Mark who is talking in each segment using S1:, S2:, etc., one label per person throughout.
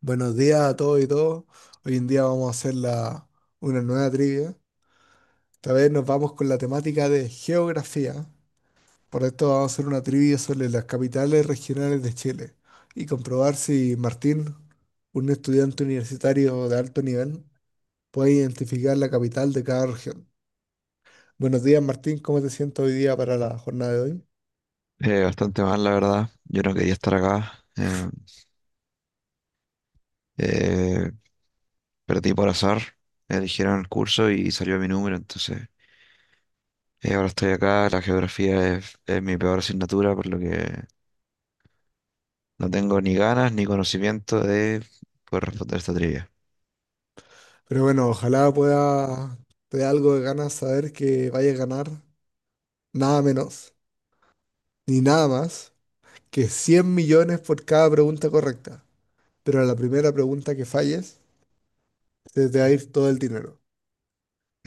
S1: Buenos días a todos y todos. Hoy en día vamos a hacer una nueva trivia. Esta vez nos vamos con la temática de geografía. Por esto vamos a hacer una trivia sobre las capitales regionales de Chile y comprobar si Martín, un estudiante universitario de alto nivel, puede identificar la capital de cada región. Buenos días, Martín. ¿Cómo te sientes hoy día para la jornada de hoy?
S2: Bastante mal, la verdad. Yo no quería estar acá. Eh, Perdí por azar. Eligieron el curso y salió mi número, entonces ahora estoy acá. La geografía es mi peor asignatura, por lo que no tengo ni ganas ni conocimiento de poder responder esta trivia.
S1: Pero bueno, ojalá pueda te dé algo de ganas saber que vaya a ganar nada menos ni nada más que es 100 millones por cada pregunta correcta, pero a la primera pregunta que falles, se te va a ir todo el dinero.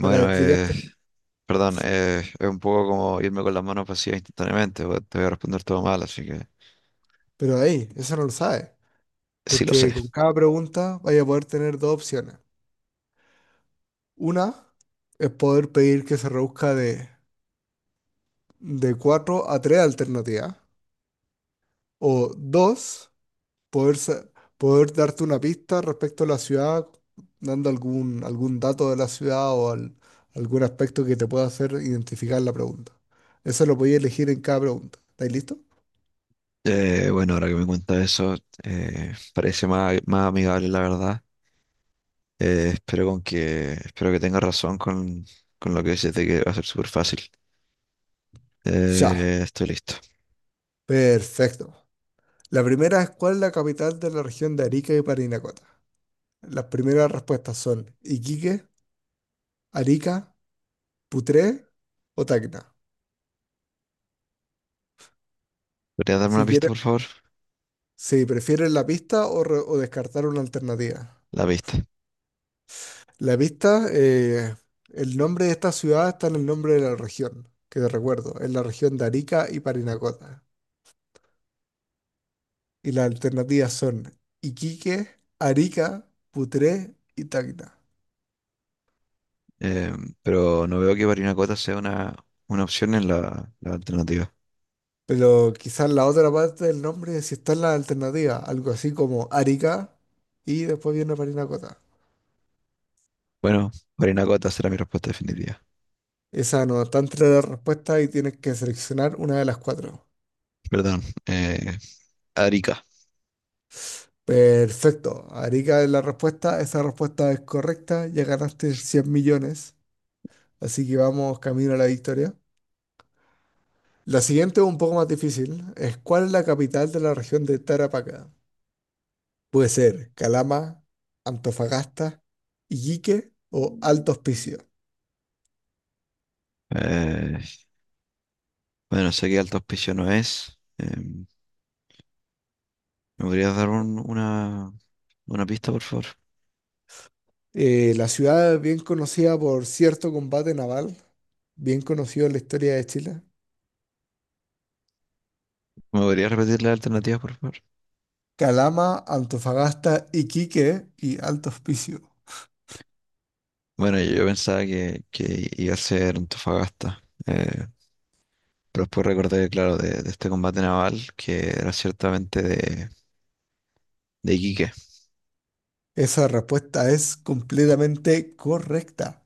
S1: Para explicarte,
S2: perdón, es un poco como irme con las manos vacías instantáneamente, porque te voy a responder todo mal, así que
S1: pero ahí, eso no lo sabes,
S2: sí lo sé.
S1: porque con cada pregunta vaya a poder tener dos opciones. Una es poder pedir que se reduzca de 4 a 3 alternativas, o dos, poder, sa- poder darte una pista respecto a la ciudad, dando algún dato de la ciudad algún aspecto que te pueda hacer identificar la pregunta. Eso lo podías elegir en cada pregunta. ¿Estáis listo?
S2: Bueno, ahora que me cuenta eso, parece más amigable, la verdad. Espero espero que tengas razón con lo que dices de que va a ser súper fácil.
S1: Ya,
S2: Estoy listo.
S1: perfecto. La primera es, ¿cuál es la capital de la región de Arica y Parinacota? Las primeras respuestas son Iquique, Arica, Putré o Tacna.
S2: ¿Podrías darme una
S1: Si
S2: pista,
S1: quieres,
S2: por favor?
S1: si prefieres la pista o descartar una alternativa.
S2: La pista.
S1: La pista. El nombre de esta ciudad está en el nombre de la región, que te recuerdo, es la región de Arica y Parinacota. Y las alternativas son Iquique, Arica, Putré y Tacna.
S2: Eh, pero no veo que Barinacota sea una opción en la alternativa.
S1: Pero quizás la otra parte del nombre sí está en la alternativa, algo así como Arica y después viene Parinacota.
S2: Bueno, Barinacota será mi respuesta definitiva.
S1: Esa no está entre las respuestas y tienes que seleccionar una de las cuatro.
S2: Perdón. Arica.
S1: Perfecto, Arica es la respuesta, esa respuesta es correcta, ya ganaste 100 millones. Así que vamos camino a la victoria. La siguiente es un poco más difícil. Es, ¿cuál es la capital de la región de Tarapacá? Puede ser Calama, Antofagasta, Iquique o Alto Hospicio.
S2: Eh, bueno, sé que Alto Hospicio no es. ¿Me podrías dar una pista, por favor?
S1: La ciudad es bien conocida por cierto combate naval, bien conocido en la historia de Chile.
S2: ¿Me podrías repetir la alternativa, por favor?
S1: Calama, Antofagasta, Iquique y Alto Hospicio.
S2: Bueno, yo pensaba que iba a ser Antofagasta, pero después recordé, claro, de este combate naval que era ciertamente de Iquique.
S1: Esa respuesta es completamente correcta.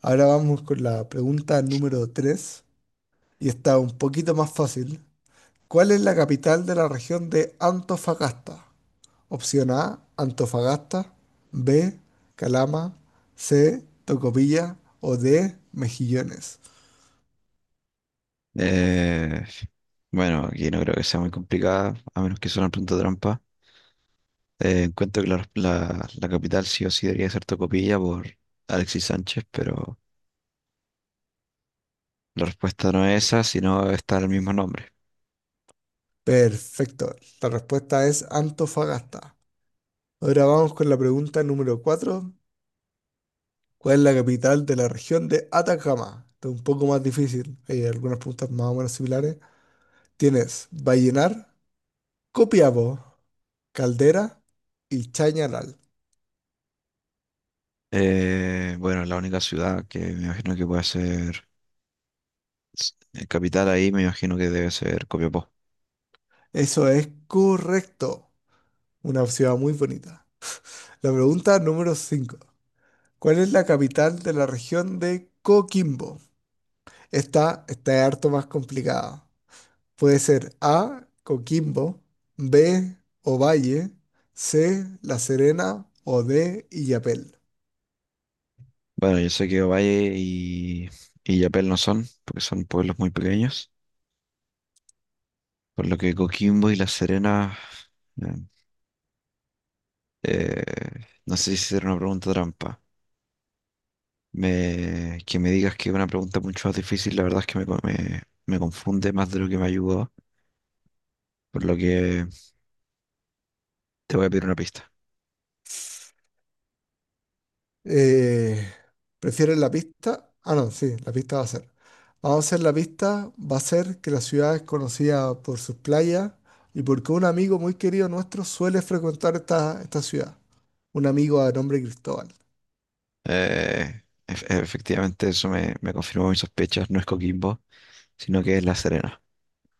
S1: Ahora vamos con la pregunta número 3. Y está un poquito más fácil. ¿Cuál es la capital de la región de Antofagasta? Opción A, Antofagasta. B, Calama. C, Tocopilla. O D, Mejillones.
S2: Eh, bueno, aquí no creo que sea muy complicada, a menos que sea una pregunta trampa. Encuentro que la capital sí o sí debería ser Tocopilla por Alexis Sánchez, pero la respuesta no es esa, sino está el mismo nombre.
S1: Perfecto. La respuesta es Antofagasta. Ahora vamos con la pregunta número 4. ¿Cuál es la capital de la región de Atacama? Esto es un poco más difícil. Hay algunas preguntas más o menos similares. Tienes Vallenar, Copiapó, Caldera y Chañaral.
S2: Bueno, la única ciudad que me imagino que puede ser capital ahí, me imagino que debe ser Copiapó.
S1: Eso es correcto. Una ciudad muy bonita. La pregunta número 5. ¿Cuál es la capital de la región de Coquimbo? Esta está harto más complicada. Puede ser A, Coquimbo, B, Ovalle, C, La Serena o D, Illapel.
S2: Bueno, yo sé que y Yapel no son, porque son pueblos muy pequeños, por lo que Coquimbo y La Serena, eh, eh, no sé si era una pregunta trampa. Que me digas que es una pregunta mucho más difícil, la verdad es que me confunde más de lo que me ayudó, por lo que te voy a pedir una pista.
S1: Eh, ¿Prefieres la pista? Ah, no, sí, la pista va a ser. Vamos a hacer la pista, va a ser que la ciudad es conocida por sus playas y porque un amigo muy querido nuestro suele frecuentar esta ciudad. Un amigo de nombre Cristóbal.
S2: Efectivamente, eso me confirmó mis sospechas, no es Coquimbo, sino que es La Serena.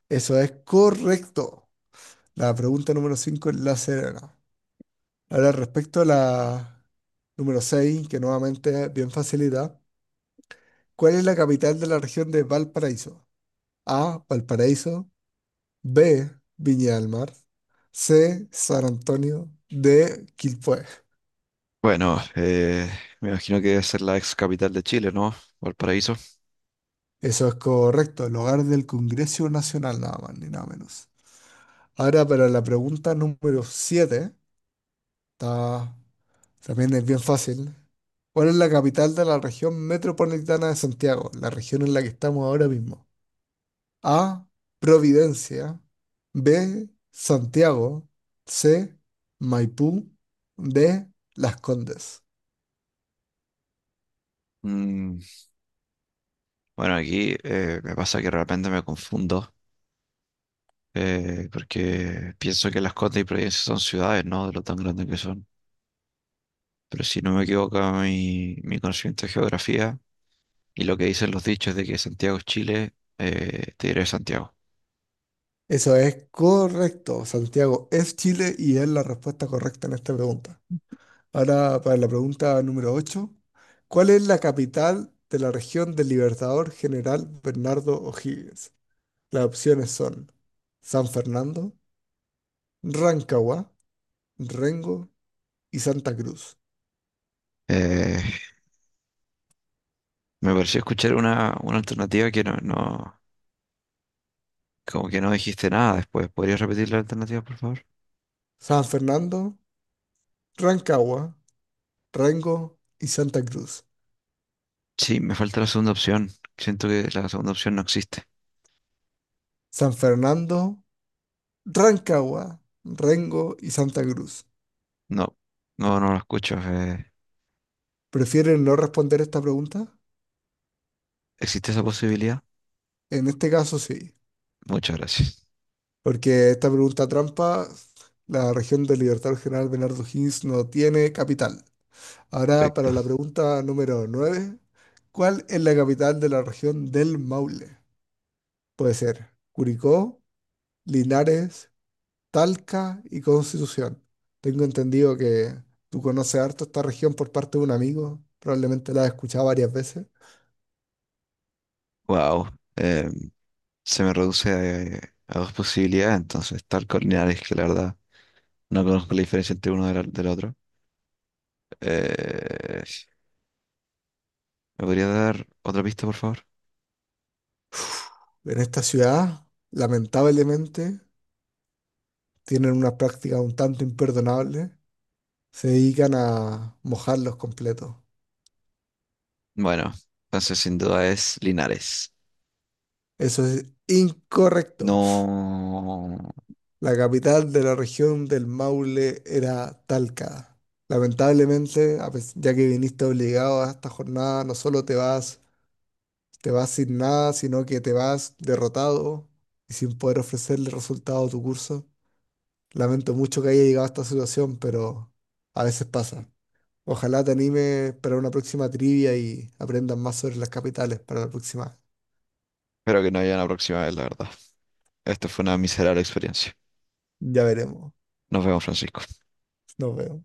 S1: Eso es correcto. La pregunta número 5 es la serena. Ahora, respecto a la número 6, que nuevamente es bien facilidad, ¿cuál es la capital de la región de Valparaíso? A, Valparaíso, B, Viña del Mar. C, San Antonio. D, Quilpué.
S2: Bueno, me imagino que debe ser la ex capital de Chile, ¿no? Valparaíso.
S1: Eso es correcto, el hogar del Congreso Nacional, nada más ni nada menos. Ahora para la pregunta número 7, está, también es bien fácil. ¿Cuál es la capital de la región metropolitana de Santiago, la región en la que estamos ahora mismo? A, Providencia. B, Santiago. C, Maipú. D, Las Condes.
S2: Mm, bueno, aquí me pasa que realmente me confundo, porque pienso que Las Condes y Providencia son ciudades, ¿no? De lo tan grandes que son. Pero si no me equivoco, mi conocimiento de geografía y lo que dicen los dichos de que Santiago es Chile, te diré Santiago.
S1: Eso es correcto, Santiago. Es Chile y es la respuesta correcta en esta pregunta. Ahora, para la pregunta número 8, ¿cuál es la capital de la región del Libertador General Bernardo O'Higgins? Las opciones son San Fernando, Rancagua, Rengo y Santa Cruz.
S2: Eh, Me pareció escuchar una alternativa que como que no dijiste nada después. ¿Podrías repetir la alternativa, por favor?
S1: San Fernando, Rancagua, Rengo y Santa Cruz.
S2: Sí, me falta la segunda opción. Siento que la segunda opción no existe.
S1: San Fernando, Rancagua, Rengo y Santa Cruz.
S2: No, no lo escucho.
S1: ¿Prefieren no responder esta pregunta?
S2: ¿Existe esa posibilidad?
S1: En este caso sí,
S2: Muchas gracias.
S1: porque esta pregunta trampa, la región del Libertador General Bernardo Higgins no tiene capital. Ahora para
S2: Perfecto.
S1: la pregunta número 9, ¿cuál es la capital de la región del Maule? Puede ser Curicó, Linares, Talca y Constitución. Tengo entendido que tú conoces harto esta región por parte de un amigo, probablemente la has escuchado varias veces.
S2: Wow, se me reduce a dos posibilidades, entonces, tal cual Linares, que la verdad no conozco la diferencia entre uno del otro. Eh, ¿Me podría dar otra pista, por favor?
S1: En esta ciudad, lamentablemente, tienen unas prácticas un tanto imperdonables. Se dedican a mojarlos completos.
S2: Bueno, entonces sin duda es Linares.
S1: Eso es incorrecto.
S2: No,
S1: La capital de la región del Maule era Talca. Lamentablemente, ya que viniste obligado a esta jornada, no solo te vas sin nada, sino que te vas derrotado y sin poder ofrecerle resultado a tu curso. Lamento mucho que haya llegado a esta situación, pero a veces pasa. Ojalá te anime para una próxima trivia y aprendas más sobre las capitales para la próxima.
S2: espero que no haya una próxima vez, la verdad. Esta fue una miserable experiencia.
S1: Ya veremos.
S2: Nos vemos, Francisco.
S1: Nos vemos.